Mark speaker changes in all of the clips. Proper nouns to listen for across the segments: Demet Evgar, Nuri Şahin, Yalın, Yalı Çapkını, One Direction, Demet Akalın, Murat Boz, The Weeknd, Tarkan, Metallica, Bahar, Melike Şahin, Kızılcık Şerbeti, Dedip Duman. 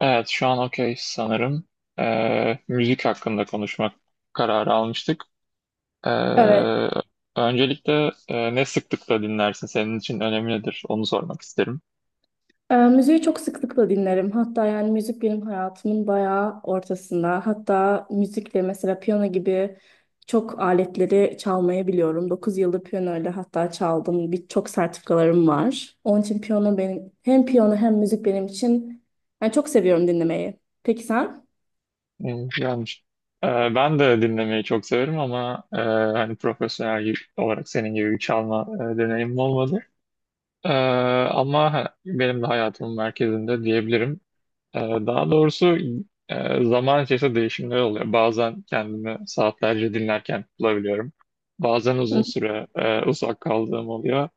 Speaker 1: Evet, şu an okey sanırım. Müzik hakkında konuşmak kararı almıştık. Ee,
Speaker 2: Evet.
Speaker 1: Öncelikle ne sıklıkla dinlersin? Senin için önemi nedir? Onu sormak isterim.
Speaker 2: Müziği çok sıklıkla dinlerim. Hatta yani müzik benim hayatımın bayağı ortasında. Hatta müzikle mesela piyano gibi çok aletleri çalmayı biliyorum. 9 yıldır piyanoyla hatta çaldım. Birçok sertifikalarım var. Onun için piyano benim, hem piyano hem müzik benim için yani çok seviyorum dinlemeyi. Peki sen?
Speaker 1: Yani, e, ben de dinlemeyi çok severim ama hani profesyonel olarak senin gibi bir çalma deneyimim olmadı. E, Ama benim de hayatımın merkezinde diyebilirim. Daha doğrusu, zaman içerisinde değişimler oluyor. Bazen kendimi saatlerce dinlerken bulabiliyorum. Bazen uzun süre uzak kaldığım oluyor.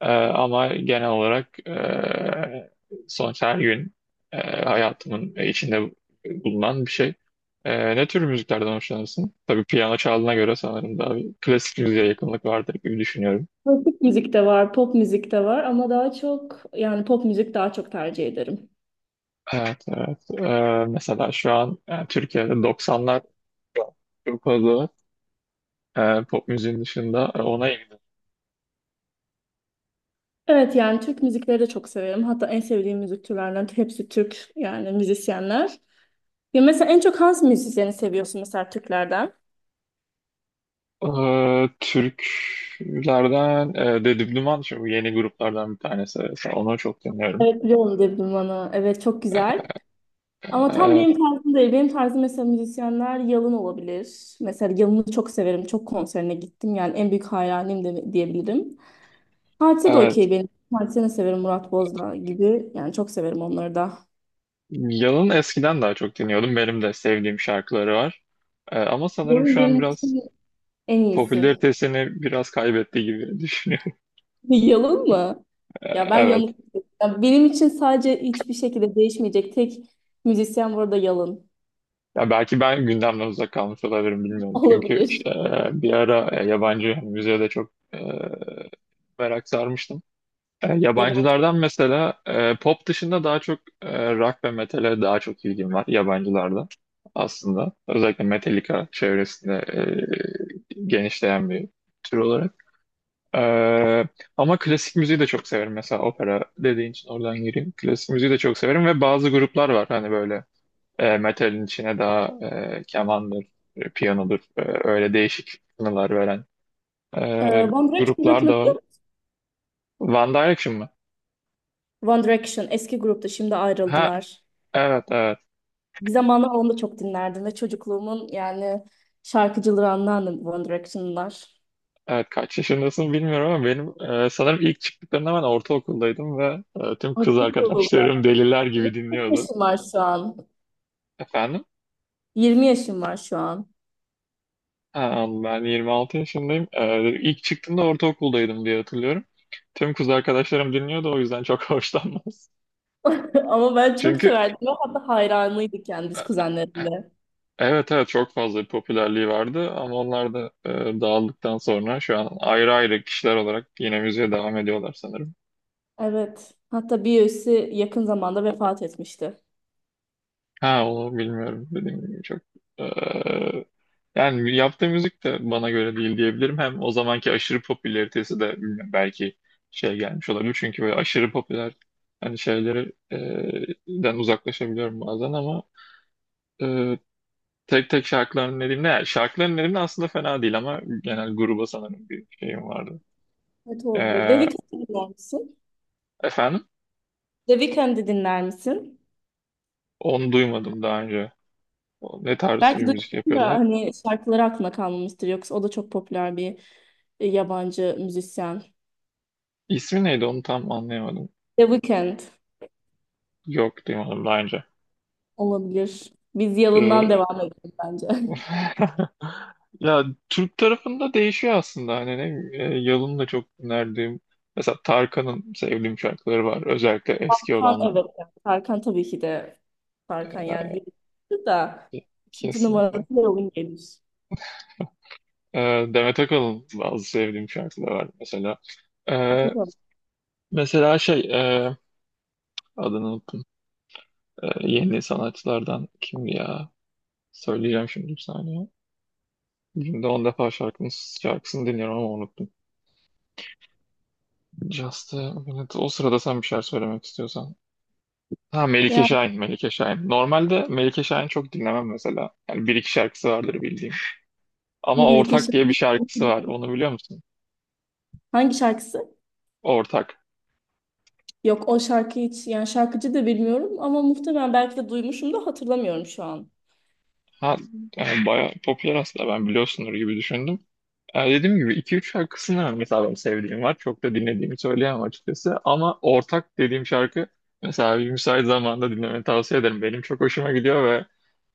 Speaker 1: Ama genel olarak, sonuç her gün e, hayatımın içinde bulunan bir şey. Ne tür müziklerden hoşlanırsın? Tabii piyano çaldığına göre sanırım daha bir klasik müziğe yakınlık vardır gibi düşünüyorum.
Speaker 2: Klasik müzik de var, pop müzik de var ama daha çok yani pop müzik daha çok tercih ederim.
Speaker 1: Evet, evet. Mesela şu an Türkiye'de 90'lar çok fazla. Pop müziğin dışında, ona ilgili.
Speaker 2: Evet, yani Türk müzikleri de çok severim. Hatta en sevdiğim müzik türlerinden hepsi Türk yani müzisyenler. Ya mesela en çok hangi müzisyeni seviyorsun, mesela Türklerden?
Speaker 1: Türklerden, Dedip Duman şu bu yeni gruplardan bir tanesi. Mesela onu çok dinliyorum.
Speaker 2: Evet, biliyorum dedim bana. Evet, çok güzel. Ama tam
Speaker 1: E,
Speaker 2: benim tarzım değil. Benim tarzım mesela müzisyenler Yalın olabilir. Mesela Yalın'ı çok severim. Çok konserine gittim. Yani en büyük hayranıyım diyebilirim. Partide de
Speaker 1: evet.
Speaker 2: okey benim. Partide de severim Murat Bozla gibi. Yani çok severim onları da.
Speaker 1: Yalın eskiden daha çok dinliyordum. Benim de sevdiğim şarkıları var. Ama sanırım
Speaker 2: Yalın
Speaker 1: şu
Speaker 2: benim
Speaker 1: an biraz
Speaker 2: için en iyisi.
Speaker 1: popülaritesini biraz kaybettiği gibi düşünüyorum.
Speaker 2: Yalın mı? Ya ben
Speaker 1: Evet.
Speaker 2: yanık. Ya benim için sadece hiçbir şekilde değişmeyecek tek müzisyen burada Yalın.
Speaker 1: Ya belki ben gündemden uzak kalmış olabilirim, bilmiyorum. Çünkü
Speaker 2: Olabilir.
Speaker 1: işte, bir ara yabancı müziğe de çok merak sarmıştım.
Speaker 2: Ya ben
Speaker 1: Yabancılardan mesela, pop dışında daha çok rock ve metale daha çok ilgim var yabancılardan aslında. Özellikle Metallica çevresinde genişleyen bir tür olarak. E, Ama klasik müziği de çok severim. Mesela opera dediğin için oradan gireyim. Klasik müziği de çok severim ve bazı gruplar var hani böyle metalin içine daha kemandır, piyanodur, öyle değişik tınılar veren
Speaker 2: Ee,
Speaker 1: e,
Speaker 2: One Direction
Speaker 1: gruplar
Speaker 2: grubunu
Speaker 1: da var.
Speaker 2: biliyor musun?
Speaker 1: One Direction mı?
Speaker 2: One Direction eski grupta, şimdi
Speaker 1: Ha,
Speaker 2: ayrıldılar.
Speaker 1: evet, evet.
Speaker 2: Bir zamanlar onu da çok dinlerdim ve çocukluğumun yani şarkıcıları anlardım One Direction'lar.
Speaker 1: Evet, kaç yaşındasın bilmiyorum ama benim sanırım ilk çıktıklarında ben ortaokuldaydım ve tüm kız
Speaker 2: Artık oldu.
Speaker 1: arkadaşlarım deliler gibi
Speaker 2: Kaç
Speaker 1: dinliyordu.
Speaker 2: yaşın var şu an?
Speaker 1: Efendim?
Speaker 2: 20 yaşım var şu an.
Speaker 1: Ha, ben 26 yaşındayım. İlk çıktığımda ortaokuldaydım diye hatırlıyorum. Tüm kız arkadaşlarım dinliyordu, o yüzden çok hoşlanmaz.
Speaker 2: Ama ben çok
Speaker 1: Çünkü
Speaker 2: severdim. Ve hatta hayranıydı kendisi
Speaker 1: e,
Speaker 2: kuzenlerimle.
Speaker 1: evet, evet, çok fazla bir popülerliği vardı ama onlar da dağıldıktan sonra şu an ayrı ayrı kişiler olarak yine müziğe devam ediyorlar sanırım.
Speaker 2: Evet. Hatta bir üyesi yakın zamanda vefat etmişti.
Speaker 1: Ha, onu bilmiyorum. Dediğim gibi çok eee, yani yaptığı müzik de bana göre değil diyebilirim. Hem o zamanki aşırı popülaritesi de bilmiyorum, belki şey gelmiş olabilir. Çünkü böyle aşırı popüler hani şeyleri den uzaklaşabiliyorum bazen ama eee, tek tek şarkılarını dinlediğimde yani şarkıların dinlediğimde aslında fena değil ama genel gruba sanırım bir şeyim vardı.
Speaker 2: Evet, olabilir. The
Speaker 1: Eee,
Speaker 2: Weeknd'i dinler misin?
Speaker 1: efendim?
Speaker 2: The Weeknd'i dinler misin?
Speaker 1: Onu duymadım daha önce. O ne tarz
Speaker 2: Belki
Speaker 1: bir müzik
Speaker 2: duymuşsun da
Speaker 1: yapıyorlar?
Speaker 2: hani şarkıları aklına kalmamıştır. Yoksa o da çok popüler bir yabancı müzisyen.
Speaker 1: İsmi neydi, onu tam anlayamadım.
Speaker 2: The Weeknd.
Speaker 1: Yok, duymadım daha önce.
Speaker 2: Olabilir. Biz Yalın'dan devam edelim bence.
Speaker 1: Ya Türk tarafında değişiyor aslında hani ne, Yalın'ın da çok dinlerdiğim, mesela Tarkan'ın sevdiğim şarkıları var, özellikle eski
Speaker 2: Tarkan,
Speaker 1: olanlar.
Speaker 2: evet, evet. Tarkan tabii ki de. Tarkan yani bir da,
Speaker 1: E,
Speaker 2: ikinci numarası
Speaker 1: Kesinlikle.
Speaker 2: Yalın gelir.
Speaker 1: E, Demet Akalın, bazı sevdiğim şarkıları var mesela. E,
Speaker 2: Bakalım.
Speaker 1: Mesela şey, adını unuttum. Yeni sanatçılardan kimdi ya, söyleyeceğim şimdi, bir saniye. Günde 10 defa şarkısını dinliyorum ama unuttum. Just a minute. O sırada sen bir şeyler söylemek istiyorsan. Ha, Melike
Speaker 2: Yani
Speaker 1: Şahin, Melike Şahin. Normalde Melike Şahin çok dinlemem mesela. Yani bir iki şarkısı vardır bildiğim. Ama
Speaker 2: Nuri
Speaker 1: Ortak diye bir
Speaker 2: Şahin.
Speaker 1: şarkısı var. Onu biliyor musun?
Speaker 2: Hangi şarkısı?
Speaker 1: Ortak.
Speaker 2: Yok, o şarkı hiç, yani şarkıcı da bilmiyorum ama muhtemelen belki de duymuşum da hatırlamıyorum şu an.
Speaker 1: Ha, yani bayağı popüler aslında, ben biliyorsundur gibi düşündüm. Yani dediğim gibi iki üç şarkısını mesela ben sevdiğim var. Çok da dinlediğimi söyleyemem açıkçası. Ama Ortak dediğim şarkı mesela, bir müsait zamanda dinlemeni tavsiye ederim. Benim çok hoşuma gidiyor ve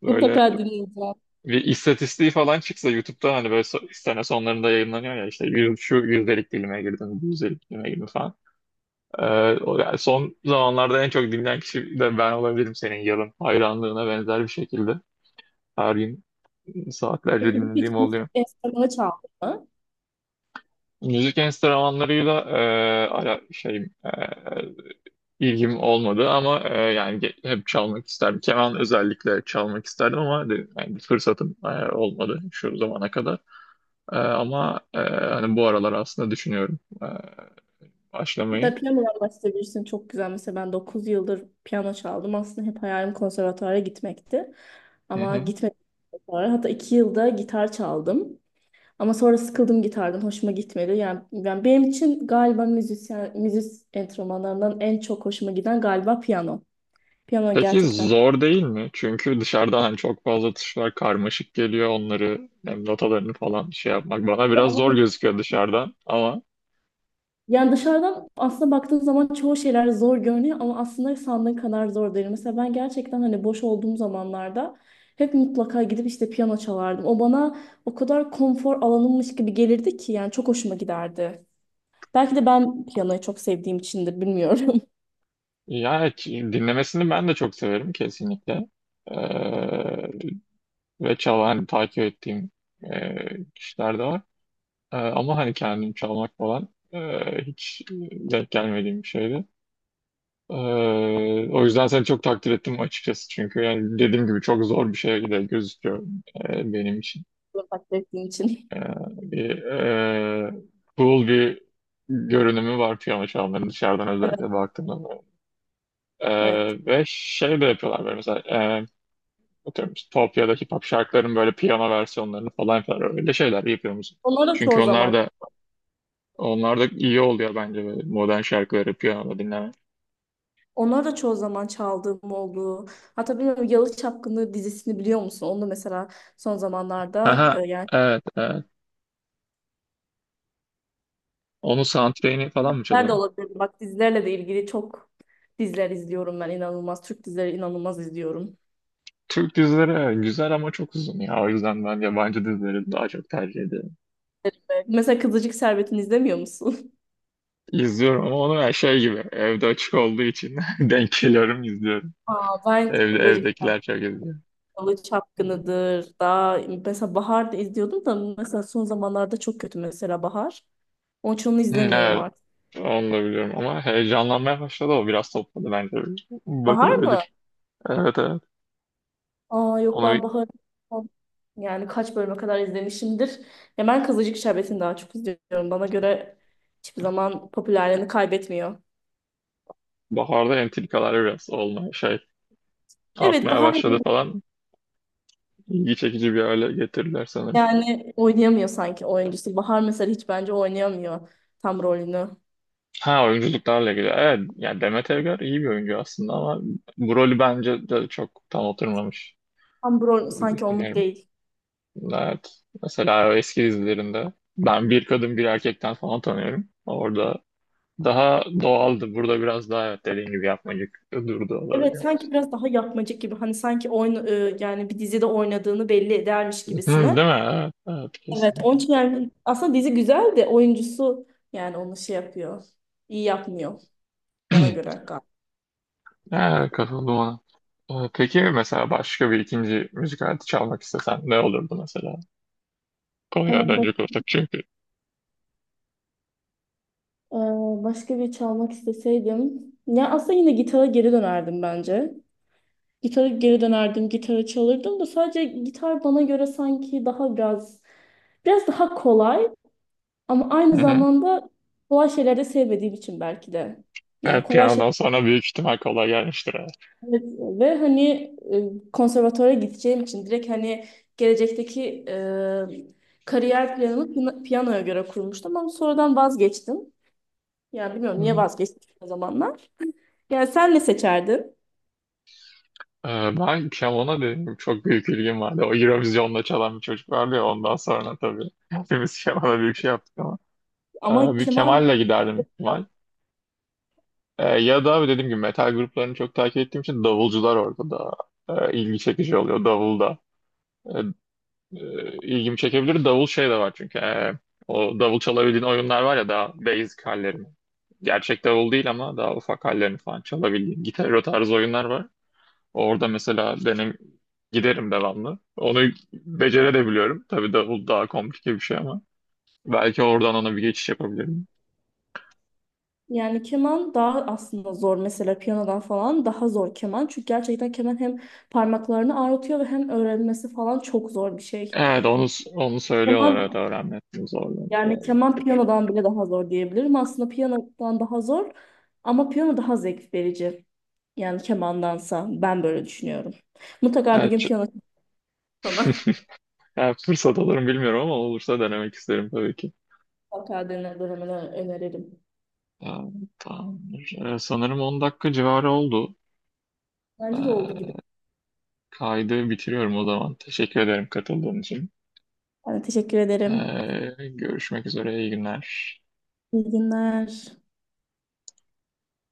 Speaker 1: böyle
Speaker 2: Mutlaka dinleyeceğim.
Speaker 1: bir istatistiği falan çıksa YouTube'da hani böyle sene sonlarında yayınlanıyor ya işte, şu yüzdelik dilime girdim, bu yüzdelik dilime girdim falan. Ee, O yani son zamanlarda en çok dinlenen kişi de ben olabilirim, senin yarın hayranlığına benzer bir şekilde. Her gün saatlerce
Speaker 2: Peki bu
Speaker 1: dinlediğim
Speaker 2: hiç müzik
Speaker 1: oluyor.
Speaker 2: enstrümanı çaldın mı?
Speaker 1: Müzik enstrümanlarıyla ala şey, e, ilgim olmadı ama yani hep çalmak isterdim. Keman özellikle çalmak isterdim ama yani fırsatım olmadı şu zamana kadar. Ama hani bu aralar aslında düşünüyorum başlamayı.
Speaker 2: Da piyanodan bahsedebilirsin. Çok güzel. Mesela ben 9 yıldır piyano çaldım. Aslında hep hayalim konservatuara gitmekti.
Speaker 1: Hı
Speaker 2: Ama
Speaker 1: hı.
Speaker 2: gitmedim sonra. Hatta 2 yılda gitar çaldım. Ama sonra sıkıldım gitardan. Hoşuma gitmedi. Yani, benim için galiba müzisyen, enstrümanlarından en çok hoşuma giden galiba piyano. Piyano
Speaker 1: Peki
Speaker 2: gerçekten.
Speaker 1: zor değil mi? Çünkü dışarıdan hani çok fazla tuşlar karmaşık geliyor. Onları hem notalarını falan şey yapmak bana biraz
Speaker 2: Ama
Speaker 1: zor gözüküyor dışarıdan. Ama
Speaker 2: Yani dışarıdan aslında baktığın zaman çoğu şeyler zor görünüyor ama aslında sandığın kadar zor değil. Mesela ben gerçekten hani boş olduğum zamanlarda hep mutlaka gidip işte piyano çalardım. O bana o kadar konfor alanımmış gibi gelirdi ki yani çok hoşuma giderdi. Belki de ben piyanoyu çok sevdiğim içindir, bilmiyorum.
Speaker 1: yani dinlemesini ben de çok severim kesinlikle. Ee, Ve çalan hani takip ettiğim kişiler de var. Ama hani kendim çalmak falan hiç denk gelmediğim bir şeydi. Ee, O yüzden seni çok takdir ettim açıkçası. Çünkü yani dediğim gibi çok zor bir şey de gözüküyor benim için.
Speaker 2: Takdir ettiğim için.
Speaker 1: Ee, Bir cool bir görünümü var piyano çalmanın, dışarıdan
Speaker 2: Evet,
Speaker 1: özellikle baktığımda.
Speaker 2: evet.
Speaker 1: Ve şey de yapıyorlar böyle mesela, atıyorum Topya'daki pop şarkıların böyle piyano versiyonlarını falan yapıyorlar. Öyle şeyler yapıyor musun?
Speaker 2: Onları da çoğu
Speaker 1: Çünkü
Speaker 2: zaman,
Speaker 1: onlar da iyi oluyor bence böyle modern şarkıları piyanoda dinlemek.
Speaker 2: Onları da çoğu zaman çaldığım oldu. Hatta bilmiyorum, Yalı Çapkını dizisini biliyor musun? Onu da mesela son zamanlarda
Speaker 1: Aha,
Speaker 2: yani
Speaker 1: evet, evet. Onun soundtrack'ini falan mı
Speaker 2: diziler de
Speaker 1: çalıyordun?
Speaker 2: olabilir. Bak, dizilerle de ilgili çok diziler izliyorum ben, inanılmaz. Türk dizileri inanılmaz izliyorum.
Speaker 1: Türk dizileri güzel ama çok uzun ya. O yüzden ben yabancı dizileri daha çok tercih ediyorum.
Speaker 2: Mesela Kızılcık Şerbeti'ni izlemiyor musun?
Speaker 1: İzliyorum ama onu her şey gibi. Evde açık olduğu için denk geliyorum, izliyorum.
Speaker 2: Aa, ben Kızılcık
Speaker 1: Evdekiler çok izliyor.
Speaker 2: Şerbeti, Çapkını'dır. Daha mesela Bahar'da izliyordum da mesela son zamanlarda çok kötü mesela Bahar. Onun için onu
Speaker 1: Hmm,
Speaker 2: izlemiyorum
Speaker 1: evet,
Speaker 2: artık.
Speaker 1: onu da biliyorum ama heyecanlanmaya başladı, o biraz topladı bence.
Speaker 2: Bahar mı?
Speaker 1: Bakılabilir. Evet, evet.
Speaker 2: Aa yok,
Speaker 1: Onu
Speaker 2: ben Bahar yani kaç bölüme kadar izlemişimdir. Ya ben Kızılcık Şerbeti'ni daha çok izliyorum. Bana göre hiçbir zaman popülerliğini kaybetmiyor.
Speaker 1: baharda entrikalar biraz olmaya şey,
Speaker 2: Evet,
Speaker 1: artmaya
Speaker 2: Bahar
Speaker 1: başladı falan. İlgi çekici bir hale getirdiler sanırım.
Speaker 2: yani oynayamıyor sanki oyuncusu. Bahar mesela hiç bence oynayamıyor tam rolünü.
Speaker 1: Ha, oyunculuklarla ilgili. Evet, yani Demet Evgar iyi bir oyuncu aslında ama bu rolü bence de çok tam oturmamış
Speaker 2: Tam bu rol
Speaker 1: gibi
Speaker 2: sanki onluk
Speaker 1: düşünüyorum.
Speaker 2: değil.
Speaker 1: Evet. Mesela o eski dizilerinde ben Bir Kadın Bir Erkek'ten falan tanıyorum. Orada daha doğaldı. Burada biraz daha, evet, dediğin gibi yapmacık durdu,
Speaker 2: Evet,
Speaker 1: olabiliyor.
Speaker 2: sanki biraz daha yapmacık gibi. Hani sanki yani bir dizide oynadığını belli edermiş
Speaker 1: Hı, değil
Speaker 2: gibisine.
Speaker 1: mi? Evet, evet,
Speaker 2: Evet, onun
Speaker 1: kesinlikle.
Speaker 2: için yani aslında dizi güzel de oyuncusu yani onu şey yapıyor. İyi yapmıyor bana göre galiba.
Speaker 1: Evet, katıldım ona. Peki mesela başka bir ikinci müzik aleti çalmak istesen ne olurdu mesela? Konuya
Speaker 2: Bak,
Speaker 1: dönecek olursak çünkü.
Speaker 2: e, başka bir çalmak isteseydim. Ya aslında yine gitara geri dönerdim bence. Gitara geri dönerdim, gitara çalırdım da sadece gitar bana göre sanki daha biraz, daha kolay ama aynı zamanda kolay şeyleri de sevmediğim için belki de. Yani
Speaker 1: Evet,
Speaker 2: kolay şeyler,
Speaker 1: piyanodan sonra büyük ihtimal kolay gelmiştir. Evet.
Speaker 2: evet, ve hani konservatuvara gideceğim için direkt hani gelecekteki kariyer planımı piyanoya göre kurmuştum ama sonradan vazgeçtim. Yani bilmiyorum niye
Speaker 1: Hı.
Speaker 2: vazgeçtim o zamanlar. Yani sen ne seçerdin?
Speaker 1: Ee, Ben piyanona dedim çok büyük ilgim vardı. O Eurovision'da çalan bir çocuk vardı ya, ondan sonra tabii. Hepimiz kemana büyük şey yaptık ama.
Speaker 2: Ama
Speaker 1: Bir
Speaker 2: keman,
Speaker 1: Kemal'le giderdim büyük ihtimal. Ya da dediğim gibi metal gruplarını çok takip ettiğim için davulcular orada da ilgi çekici oluyor, davulda. E, ilgimi çekebilir. Davul şey de var çünkü. O davul çalabildiğin oyunlar var ya, daha basic hallerini. Gerçek davul değil ama daha ufak hallerini falan çalabildiğin gitar o tarz oyunlar var. Orada mesela benim giderim devamlı. Onu becerebiliyorum. Tabii davul daha komplike bir şey ama. Belki oradan ona bir geçiş yapabilirim.
Speaker 2: yani keman daha aslında zor, mesela piyanodan falan daha zor keman. Çünkü gerçekten keman hem parmaklarını ağrıtıyor ve hem öğrenmesi falan çok zor bir şey.
Speaker 1: Evet, onu
Speaker 2: Keman
Speaker 1: söylüyorlar, evet, öğrenmesini zorlanıyor.
Speaker 2: yani
Speaker 1: Doğru.
Speaker 2: keman piyanodan bile daha zor diyebilirim. Aslında piyanodan daha zor ama piyano daha zevk verici. Yani kemandansa ben böyle düşünüyorum. Mutlaka bir
Speaker 1: Evet,
Speaker 2: gün piyano sana.
Speaker 1: yani fırsat alırım bilmiyorum ama olursa denemek isterim tabii ki.
Speaker 2: Avokadonun dönemini öneririm.
Speaker 1: Ya, tamamdır. Sanırım 10 dakika civarı oldu.
Speaker 2: Bence de oldu gibi.
Speaker 1: Kaydı bitiriyorum o zaman. Teşekkür ederim katıldığın için.
Speaker 2: Ben de teşekkür ederim.
Speaker 1: Görüşmek üzere. İyi günler.
Speaker 2: İyi günler.